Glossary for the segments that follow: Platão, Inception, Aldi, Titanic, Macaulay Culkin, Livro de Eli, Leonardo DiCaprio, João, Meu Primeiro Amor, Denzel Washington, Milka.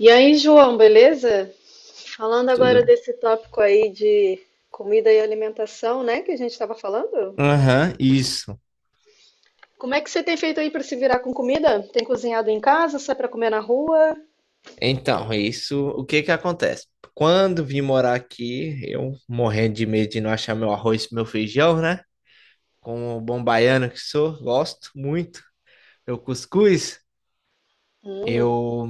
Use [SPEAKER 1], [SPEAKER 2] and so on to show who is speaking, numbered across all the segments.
[SPEAKER 1] E aí, João, beleza? Falando agora
[SPEAKER 2] Tudo.
[SPEAKER 1] desse tópico aí de comida e alimentação, né, que a gente estava falando.
[SPEAKER 2] Aham, isso.
[SPEAKER 1] Como é que você tem feito aí para se virar com comida? Tem cozinhado em casa? Sai para comer na rua?
[SPEAKER 2] Então, isso, o que que acontece? Quando vim morar aqui, eu morrendo de medo de não achar meu arroz e meu feijão, né? Como bom baiano que sou, gosto muito. Meu cuscuz,
[SPEAKER 1] Hum.
[SPEAKER 2] eu...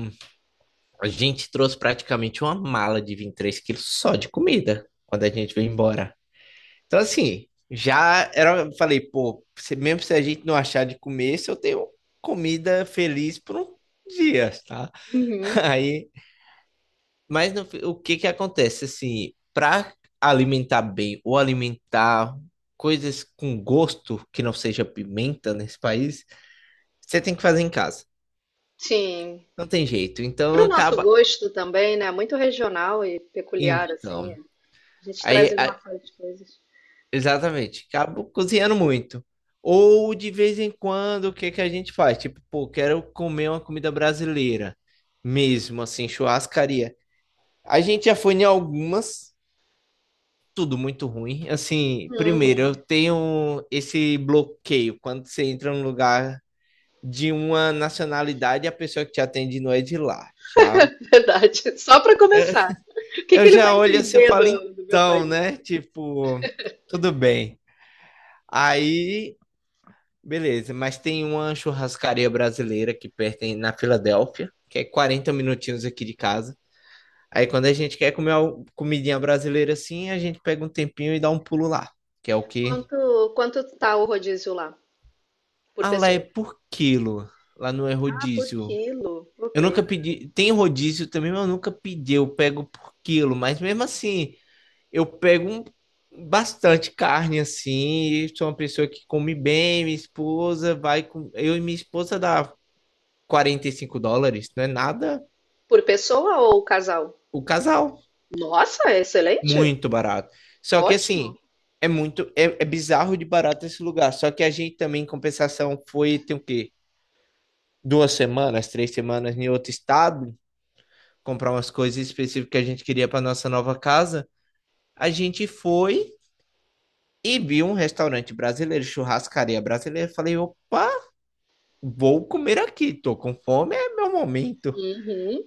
[SPEAKER 2] a gente trouxe praticamente uma mala de 23 quilos só de comida quando a gente veio embora. Então, assim, eu falei, pô, mesmo se a gente não achar de comer, se eu tenho comida feliz por um dia, tá?
[SPEAKER 1] Uhum.
[SPEAKER 2] Aí... Mas no fi- o que que acontece assim, para alimentar bem ou alimentar coisas com gosto que não seja pimenta nesse país, você tem que fazer em casa.
[SPEAKER 1] Sim.
[SPEAKER 2] Não tem jeito. Então
[SPEAKER 1] Para o nosso
[SPEAKER 2] acaba
[SPEAKER 1] gosto também, né? Muito regional e peculiar, assim.
[SPEAKER 2] então,
[SPEAKER 1] A gente traz
[SPEAKER 2] aí
[SPEAKER 1] ali
[SPEAKER 2] a-
[SPEAKER 1] uma série de coisas.
[SPEAKER 2] exatamente, acabo cozinhando muito. Ou de vez em quando, o que que a gente faz? Tipo, pô, quero comer uma comida brasileira mesmo assim, churrascaria. A gente já foi em algumas. Tudo muito ruim. Assim, primeiro, eu
[SPEAKER 1] Uhum.
[SPEAKER 2] tenho esse bloqueio quando você entra num lugar de uma nacionalidade e a pessoa que te atende não é de lá. Já,
[SPEAKER 1] Verdade. Só para começar. O que
[SPEAKER 2] eu
[SPEAKER 1] que ele vai
[SPEAKER 2] já olho assim e
[SPEAKER 1] entender
[SPEAKER 2] falo,
[SPEAKER 1] do meu
[SPEAKER 2] então,
[SPEAKER 1] país?
[SPEAKER 2] né? Tipo, tudo bem. Aí, beleza, mas tem uma churrascaria brasileira que pertence na Filadélfia, que é 40 minutinhos aqui de casa. Aí, quando a gente quer comer uma comidinha brasileira assim, a gente pega um tempinho e dá um pulo lá, que é o que
[SPEAKER 1] Quanto tá o rodízio lá por
[SPEAKER 2] ah, lá é
[SPEAKER 1] pessoa?
[SPEAKER 2] por quilo. Lá não é
[SPEAKER 1] Ah, por
[SPEAKER 2] rodízio.
[SPEAKER 1] quilo. Ok.
[SPEAKER 2] Eu nunca pedi. Tem rodízio também, mas eu nunca pedi. Eu pego por quilo. Mas mesmo assim, eu pego um- bastante carne assim. Sou uma pessoa que come bem. Minha esposa vai com. Eu e minha esposa dá US$ 45. Não é nada.
[SPEAKER 1] Por pessoa ou casal?
[SPEAKER 2] O casal.
[SPEAKER 1] Nossa, é excelente.
[SPEAKER 2] Muito barato. Só que
[SPEAKER 1] Ótimo.
[SPEAKER 2] assim. É muito, é bizarro de barato esse lugar. Só que a gente também, em compensação, foi, tem o quê? 2 semanas, 3 semanas em outro estado, comprar umas coisas específicas que a gente queria para nossa nova casa. A gente foi e viu um restaurante brasileiro, churrascaria brasileira. Falei, opa, vou comer aqui, tô com fome, é meu momento.
[SPEAKER 1] Uhum.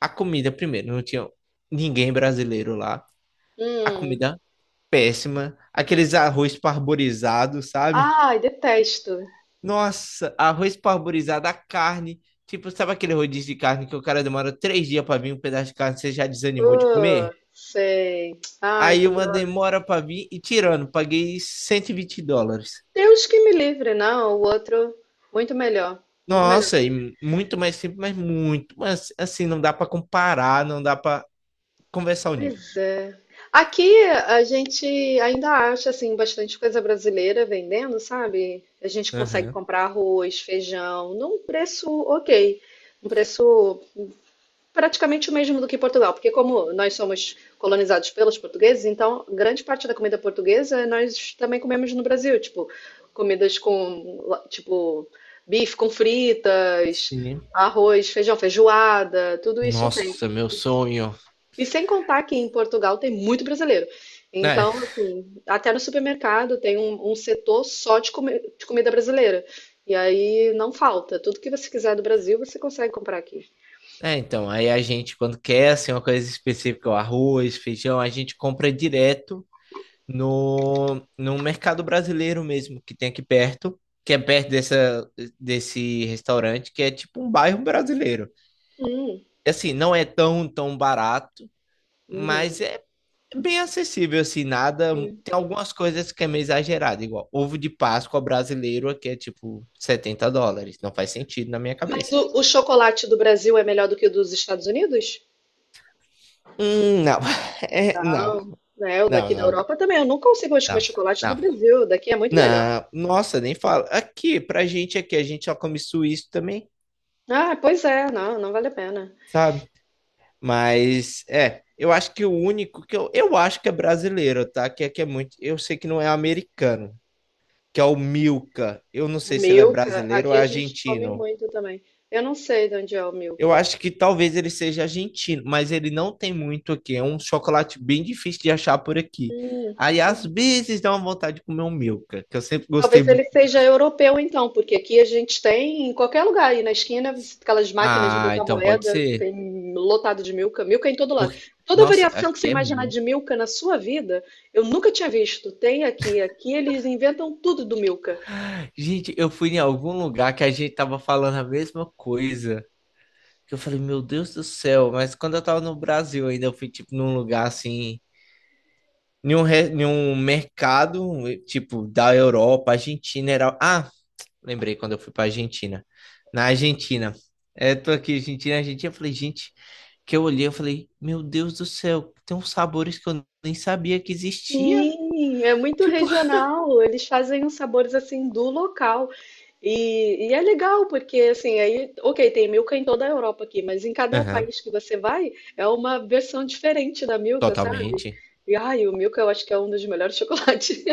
[SPEAKER 2] A comida, primeiro, não tinha ninguém brasileiro lá. A
[SPEAKER 1] Hum.
[SPEAKER 2] comida péssima, aqueles arroz parborizado, sabe?
[SPEAKER 1] Ai, detesto.
[SPEAKER 2] Nossa, arroz parborizado, a carne. Tipo, sabe aquele rodízio de carne que o cara demora 3 dias para vir um pedaço de carne, você já desanimou de
[SPEAKER 1] Ah,
[SPEAKER 2] comer?
[SPEAKER 1] sei. Ai,
[SPEAKER 2] Aí
[SPEAKER 1] que
[SPEAKER 2] uma
[SPEAKER 1] droga.
[SPEAKER 2] demora pra vir e tirando, paguei US$ 120.
[SPEAKER 1] Deus que me livre, não. O outro, muito melhor. Muito melhor.
[SPEAKER 2] Nossa, e muito mais simples, mas muito, mas assim, não dá pra comparar, não dá pra conversar o nível.
[SPEAKER 1] Pois é. Aqui a gente ainda acha assim bastante coisa brasileira vendendo, sabe? A gente consegue
[SPEAKER 2] Aham.
[SPEAKER 1] comprar arroz, feijão, num preço ok, um preço praticamente o mesmo do que Portugal, porque como nós somos colonizados pelos portugueses, então grande parte da comida portuguesa nós também comemos no Brasil, tipo comidas com tipo bife com fritas,
[SPEAKER 2] Sim.
[SPEAKER 1] arroz, feijão, feijoada, tudo isso tem.
[SPEAKER 2] Nossa, meu sonho.
[SPEAKER 1] E sem contar que em Portugal tem muito brasileiro.
[SPEAKER 2] É,
[SPEAKER 1] Então, assim, até no supermercado tem um setor só de, de comida brasileira. E aí não falta. Tudo que você quiser do Brasil, você consegue comprar aqui.
[SPEAKER 2] então, aí a gente, quando quer, assim, uma coisa específica, o arroz, feijão, a gente compra direto no mercado brasileiro mesmo, que tem aqui perto, que é perto dessa, desse restaurante, que é tipo um bairro brasileiro.
[SPEAKER 1] Hum.
[SPEAKER 2] Assim, não é tão, tão barato, mas
[SPEAKER 1] Uhum.
[SPEAKER 2] é bem acessível, assim, nada. Tem algumas coisas que é meio exagerado, igual ovo de Páscoa brasileiro aqui é tipo US$ 70. Não faz sentido na minha
[SPEAKER 1] Mas
[SPEAKER 2] cabeça.
[SPEAKER 1] o chocolate do Brasil é melhor do que o dos Estados Unidos?
[SPEAKER 2] Não. É, não,
[SPEAKER 1] Não, né? O
[SPEAKER 2] não,
[SPEAKER 1] daqui da
[SPEAKER 2] não,
[SPEAKER 1] Europa também. Eu não consigo mais comer
[SPEAKER 2] não,
[SPEAKER 1] chocolate do
[SPEAKER 2] não.
[SPEAKER 1] Brasil. O daqui é muito melhor.
[SPEAKER 2] Não, nossa, nem fala. Aqui, pra gente aqui, a gente só come suíço também,
[SPEAKER 1] Ah, pois é, não, não vale a pena.
[SPEAKER 2] sabe? Mas, é, eu acho que o único que eu acho que é brasileiro, tá? Que aqui é muito, eu sei que não é americano, que é o Milka. Eu não
[SPEAKER 1] O
[SPEAKER 2] sei se ele é
[SPEAKER 1] Milka,
[SPEAKER 2] brasileiro ou
[SPEAKER 1] aqui
[SPEAKER 2] é
[SPEAKER 1] a gente come
[SPEAKER 2] argentino.
[SPEAKER 1] muito também. Eu não sei de onde é o
[SPEAKER 2] Eu
[SPEAKER 1] Milka.
[SPEAKER 2] acho que talvez ele seja argentino, mas ele não tem muito aqui. É um chocolate bem difícil de achar por aqui.
[SPEAKER 1] Hum.
[SPEAKER 2] Aí às vezes dá uma vontade de comer um Milka, que eu sempre gostei
[SPEAKER 1] Talvez ele
[SPEAKER 2] muito.
[SPEAKER 1] seja europeu, então, porque aqui a gente tem, em qualquer lugar aí na esquina, aquelas máquinas de
[SPEAKER 2] Ah,
[SPEAKER 1] botar
[SPEAKER 2] então pode
[SPEAKER 1] moeda,
[SPEAKER 2] ser.
[SPEAKER 1] tem lotado de Milka, Milka em todo lado.
[SPEAKER 2] Porque,
[SPEAKER 1] Toda
[SPEAKER 2] nossa,
[SPEAKER 1] variação que você
[SPEAKER 2] aqui é
[SPEAKER 1] imaginar de
[SPEAKER 2] muito.
[SPEAKER 1] Milka na sua vida, eu nunca tinha visto. Tem aqui, aqui eles inventam tudo do Milka.
[SPEAKER 2] Gente, eu fui em algum lugar que a gente tava falando a mesma coisa. Que eu falei, meu Deus do céu, mas quando eu tava no Brasil ainda, eu fui tipo num lugar assim em um mercado, tipo, da Europa, Argentina era. Ah, lembrei quando eu fui pra Argentina. Na Argentina. É, tô aqui, Argentina, Argentina. Eu falei, gente, que eu olhei, eu falei, meu Deus do céu, tem uns sabores que eu nem sabia que existia.
[SPEAKER 1] Sim, é muito
[SPEAKER 2] Tipo,
[SPEAKER 1] regional. Eles fazem os sabores assim do local. E é legal, porque assim, aí, ok, tem Milka em toda a Europa aqui, mas em cada
[SPEAKER 2] aham,
[SPEAKER 1] país que você vai, é uma versão diferente da Milka, sabe?
[SPEAKER 2] totalmente.
[SPEAKER 1] E ai, o Milka eu acho que é um dos melhores chocolates,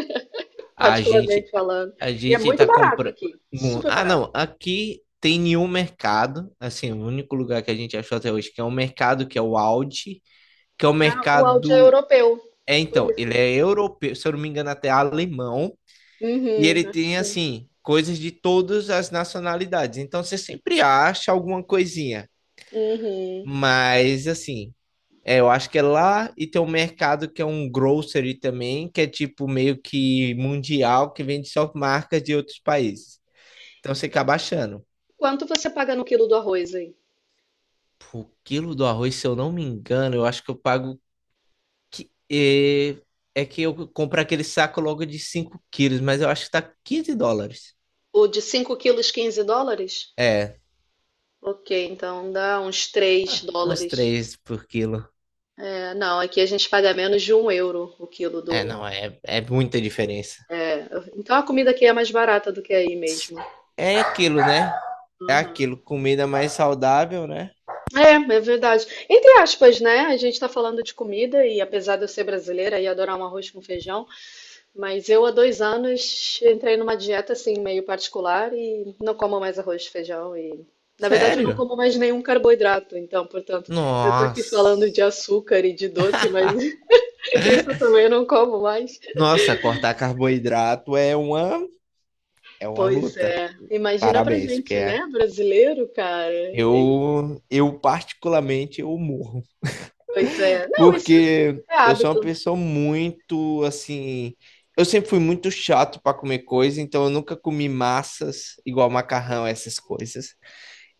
[SPEAKER 2] A
[SPEAKER 1] particularmente
[SPEAKER 2] gente, a
[SPEAKER 1] falando.
[SPEAKER 2] a
[SPEAKER 1] E é
[SPEAKER 2] gente
[SPEAKER 1] muito
[SPEAKER 2] tá
[SPEAKER 1] barato
[SPEAKER 2] comprando.
[SPEAKER 1] aqui, super
[SPEAKER 2] Ah,
[SPEAKER 1] barato.
[SPEAKER 2] não, aqui tem nenhum mercado. Assim, o único lugar que a gente achou até hoje que é um mercado que é o Aldi, que é o
[SPEAKER 1] Ah, o Aldi é
[SPEAKER 2] mercado.
[SPEAKER 1] europeu,
[SPEAKER 2] É,
[SPEAKER 1] por
[SPEAKER 2] então, ele
[SPEAKER 1] isso.
[SPEAKER 2] é europeu, se eu não me engano, até alemão, e
[SPEAKER 1] Uhum,
[SPEAKER 2] ele
[SPEAKER 1] acho que
[SPEAKER 2] tem,
[SPEAKER 1] sim.
[SPEAKER 2] assim, coisas de todas as nacionalidades. Então, você sempre acha alguma coisinha.
[SPEAKER 1] Uhum.
[SPEAKER 2] Mas, assim, é, eu acho que é lá, e tem um mercado que é um grocery também, que é tipo meio que mundial, que vende só marcas de outros países. Então, você acaba achando.
[SPEAKER 1] Quanto você paga no quilo do arroz aí?
[SPEAKER 2] O quilo do arroz, se eu não me engano, eu acho que eu pago. É, é que eu compro aquele saco logo de 5 quilos, mas eu acho que tá US$ 15.
[SPEAKER 1] O de 5 quilos, US$ 15?
[SPEAKER 2] É,
[SPEAKER 1] Ok, então dá uns 3
[SPEAKER 2] uns
[SPEAKER 1] dólares.
[SPEAKER 2] 3 por quilo.
[SPEAKER 1] É, não, aqui a gente paga menos de € 1 o quilo
[SPEAKER 2] É,
[SPEAKER 1] do.
[SPEAKER 2] não, é muita diferença.
[SPEAKER 1] É, então a comida aqui é mais barata do que aí mesmo.
[SPEAKER 2] É aquilo, né? É
[SPEAKER 1] Uhum.
[SPEAKER 2] aquilo, comida mais saudável, né?
[SPEAKER 1] É verdade. Entre aspas, né? A gente tá falando de comida e apesar de eu ser brasileira e adorar um arroz com feijão, mas eu há 2 anos entrei numa dieta assim meio particular e não como mais arroz e feijão e na verdade eu não
[SPEAKER 2] Sério?
[SPEAKER 1] como mais nenhum carboidrato, então, portanto, eu tô aqui falando de
[SPEAKER 2] Nossa.
[SPEAKER 1] açúcar e de doce, mas isso também eu também não como mais.
[SPEAKER 2] Nossa, cortar carboidrato é uma
[SPEAKER 1] Pois
[SPEAKER 2] luta.
[SPEAKER 1] é. Imagina pra
[SPEAKER 2] Parabéns, porque
[SPEAKER 1] gente, né? Brasileiro, cara.
[SPEAKER 2] eu particularmente eu morro.
[SPEAKER 1] Pois é. Não, isso
[SPEAKER 2] Porque
[SPEAKER 1] é
[SPEAKER 2] eu sou uma
[SPEAKER 1] hábito.
[SPEAKER 2] pessoa muito assim. Eu sempre fui muito chato para comer coisa, então eu nunca comi massas, igual macarrão, essas coisas.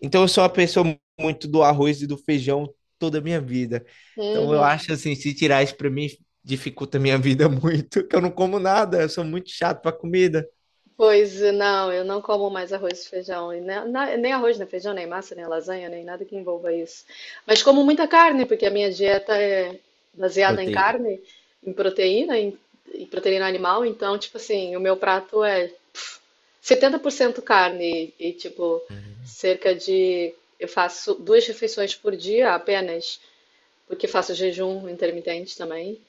[SPEAKER 2] Então eu sou uma pessoa muito do arroz e do feijão toda a minha vida. Então eu acho
[SPEAKER 1] Uhum.
[SPEAKER 2] assim, se tirar isso para mim, dificulta a minha vida muito, que eu não como nada, eu sou muito chato para comida.
[SPEAKER 1] Pois é, não, eu não como mais arroz e feijão. E nem arroz, nem feijão, nem massa, nem lasanha, nem nada que envolva isso. Mas como muita carne, porque a minha dieta é baseada em
[SPEAKER 2] Proteína.
[SPEAKER 1] carne, em proteína, em proteína animal. Então, tipo assim, o meu prato é 70% carne e, tipo,
[SPEAKER 2] Uhum.
[SPEAKER 1] cerca de. Eu faço 2 refeições por dia apenas, porque faço jejum intermitente também.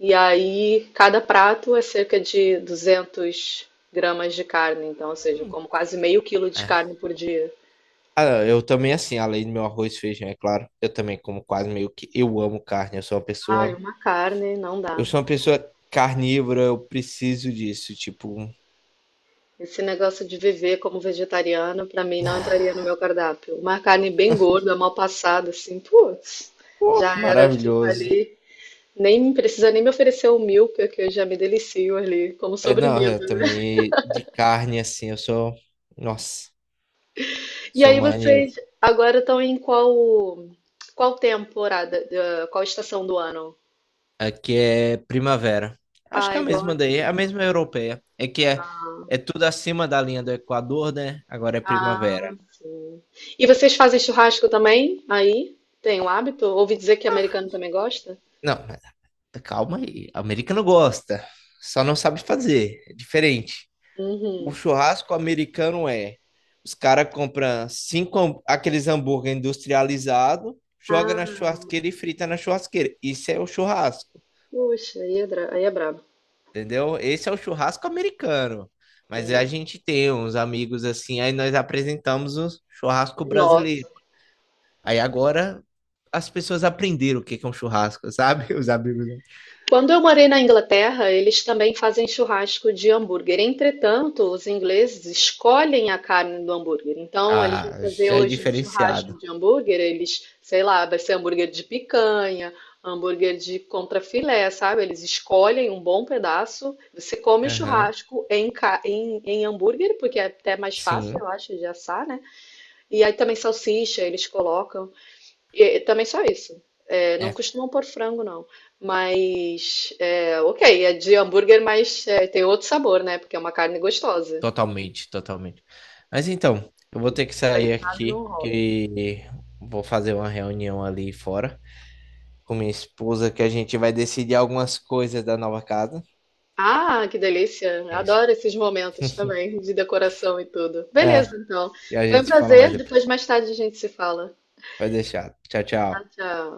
[SPEAKER 1] E aí, cada prato é cerca de 200 gramas de carne. Então, ou seja, eu
[SPEAKER 2] Hum.
[SPEAKER 1] como quase meio quilo de
[SPEAKER 2] É.
[SPEAKER 1] carne por dia.
[SPEAKER 2] Ah, eu também, assim, além do meu arroz e feijão, é claro, eu também como quase meio que. Eu amo carne,
[SPEAKER 1] Ai, uma carne não
[SPEAKER 2] eu
[SPEAKER 1] dá.
[SPEAKER 2] sou uma pessoa carnívora, eu preciso disso, tipo,
[SPEAKER 1] Esse negócio de viver como vegetariano, pra mim, não entraria no meu cardápio. Uma carne bem gorda, mal passada, assim, putz,
[SPEAKER 2] pô,
[SPEAKER 1] já era, fico
[SPEAKER 2] maravilhoso.
[SPEAKER 1] ali. Nem precisa nem me oferecer o milk, que eu já me delicio ali, como
[SPEAKER 2] É, não, eu
[SPEAKER 1] sobremesa.
[SPEAKER 2] também de carne assim, eu sou, nossa,
[SPEAKER 1] E
[SPEAKER 2] sou
[SPEAKER 1] aí
[SPEAKER 2] maníaco.
[SPEAKER 1] vocês agora estão em qual qual temporada, eh, qual estação do ano?
[SPEAKER 2] Aqui é primavera. Acho que
[SPEAKER 1] Ah,
[SPEAKER 2] é
[SPEAKER 1] é
[SPEAKER 2] a
[SPEAKER 1] igual
[SPEAKER 2] mesma
[SPEAKER 1] aqui
[SPEAKER 2] daí, é a
[SPEAKER 1] então.
[SPEAKER 2] mesma europeia. É que é tudo acima da linha do Equador, né? Agora é primavera.
[SPEAKER 1] Ah, sim. E vocês fazem churrasco também? Aí? Tem o hábito? Ouvi dizer que
[SPEAKER 2] Ah,
[SPEAKER 1] americano também gosta?
[SPEAKER 2] não, mas calma aí. A América não gosta, só não sabe fazer, é diferente. O
[SPEAKER 1] Uhum.
[SPEAKER 2] churrasco americano é, os caras compram cinco aqueles hambúrguer industrializado, joga na
[SPEAKER 1] Ah,
[SPEAKER 2] churrasqueira e frita na churrasqueira. Isso é o churrasco,
[SPEAKER 1] puxa, aí é, aí é brabo.
[SPEAKER 2] entendeu? Esse é o churrasco americano. Mas a
[SPEAKER 1] Hum.
[SPEAKER 2] gente tem uns amigos assim, aí nós apresentamos o churrasco
[SPEAKER 1] Nossa.
[SPEAKER 2] brasileiro. Aí agora as pessoas aprenderam o que que é um churrasco, sabe? Os amigos.
[SPEAKER 1] Quando eu morei na Inglaterra, eles também fazem churrasco de hambúrguer. Entretanto, os ingleses escolhem a carne do hambúrguer. Então, eles vão
[SPEAKER 2] Ah,
[SPEAKER 1] fazer
[SPEAKER 2] já é
[SPEAKER 1] hoje um churrasco
[SPEAKER 2] diferenciado.
[SPEAKER 1] de hambúrguer, eles, sei lá, vai ser hambúrguer de picanha, hambúrguer de contrafilé, sabe? Eles escolhem um bom pedaço. Você come o
[SPEAKER 2] Aham,
[SPEAKER 1] churrasco em hambúrguer, porque é até mais fácil,
[SPEAKER 2] sim.
[SPEAKER 1] eu acho, de assar, né? E aí também salsicha eles colocam. E também só isso. É, não
[SPEAKER 2] É,
[SPEAKER 1] costumam pôr frango, não. Mas, é, ok, é de hambúrguer, mas é, tem outro sabor, né? Porque é uma carne gostosa.
[SPEAKER 2] totalmente, totalmente. Mas então, eu vou ter que sair
[SPEAKER 1] Industrializado não
[SPEAKER 2] aqui,
[SPEAKER 1] rola.
[SPEAKER 2] que vou fazer uma reunião ali fora com minha esposa, que a gente vai decidir algumas coisas da nova casa.
[SPEAKER 1] Ah, que delícia!
[SPEAKER 2] É isso.
[SPEAKER 1] Adoro esses momentos também, de decoração e tudo.
[SPEAKER 2] É,
[SPEAKER 1] Beleza, então.
[SPEAKER 2] e a
[SPEAKER 1] Foi um
[SPEAKER 2] gente se fala mais
[SPEAKER 1] prazer. Depois,
[SPEAKER 2] depois.
[SPEAKER 1] mais tarde, a gente se fala.
[SPEAKER 2] Vai deixar. Tchau,
[SPEAKER 1] Tchau,
[SPEAKER 2] tchau.
[SPEAKER 1] tchau.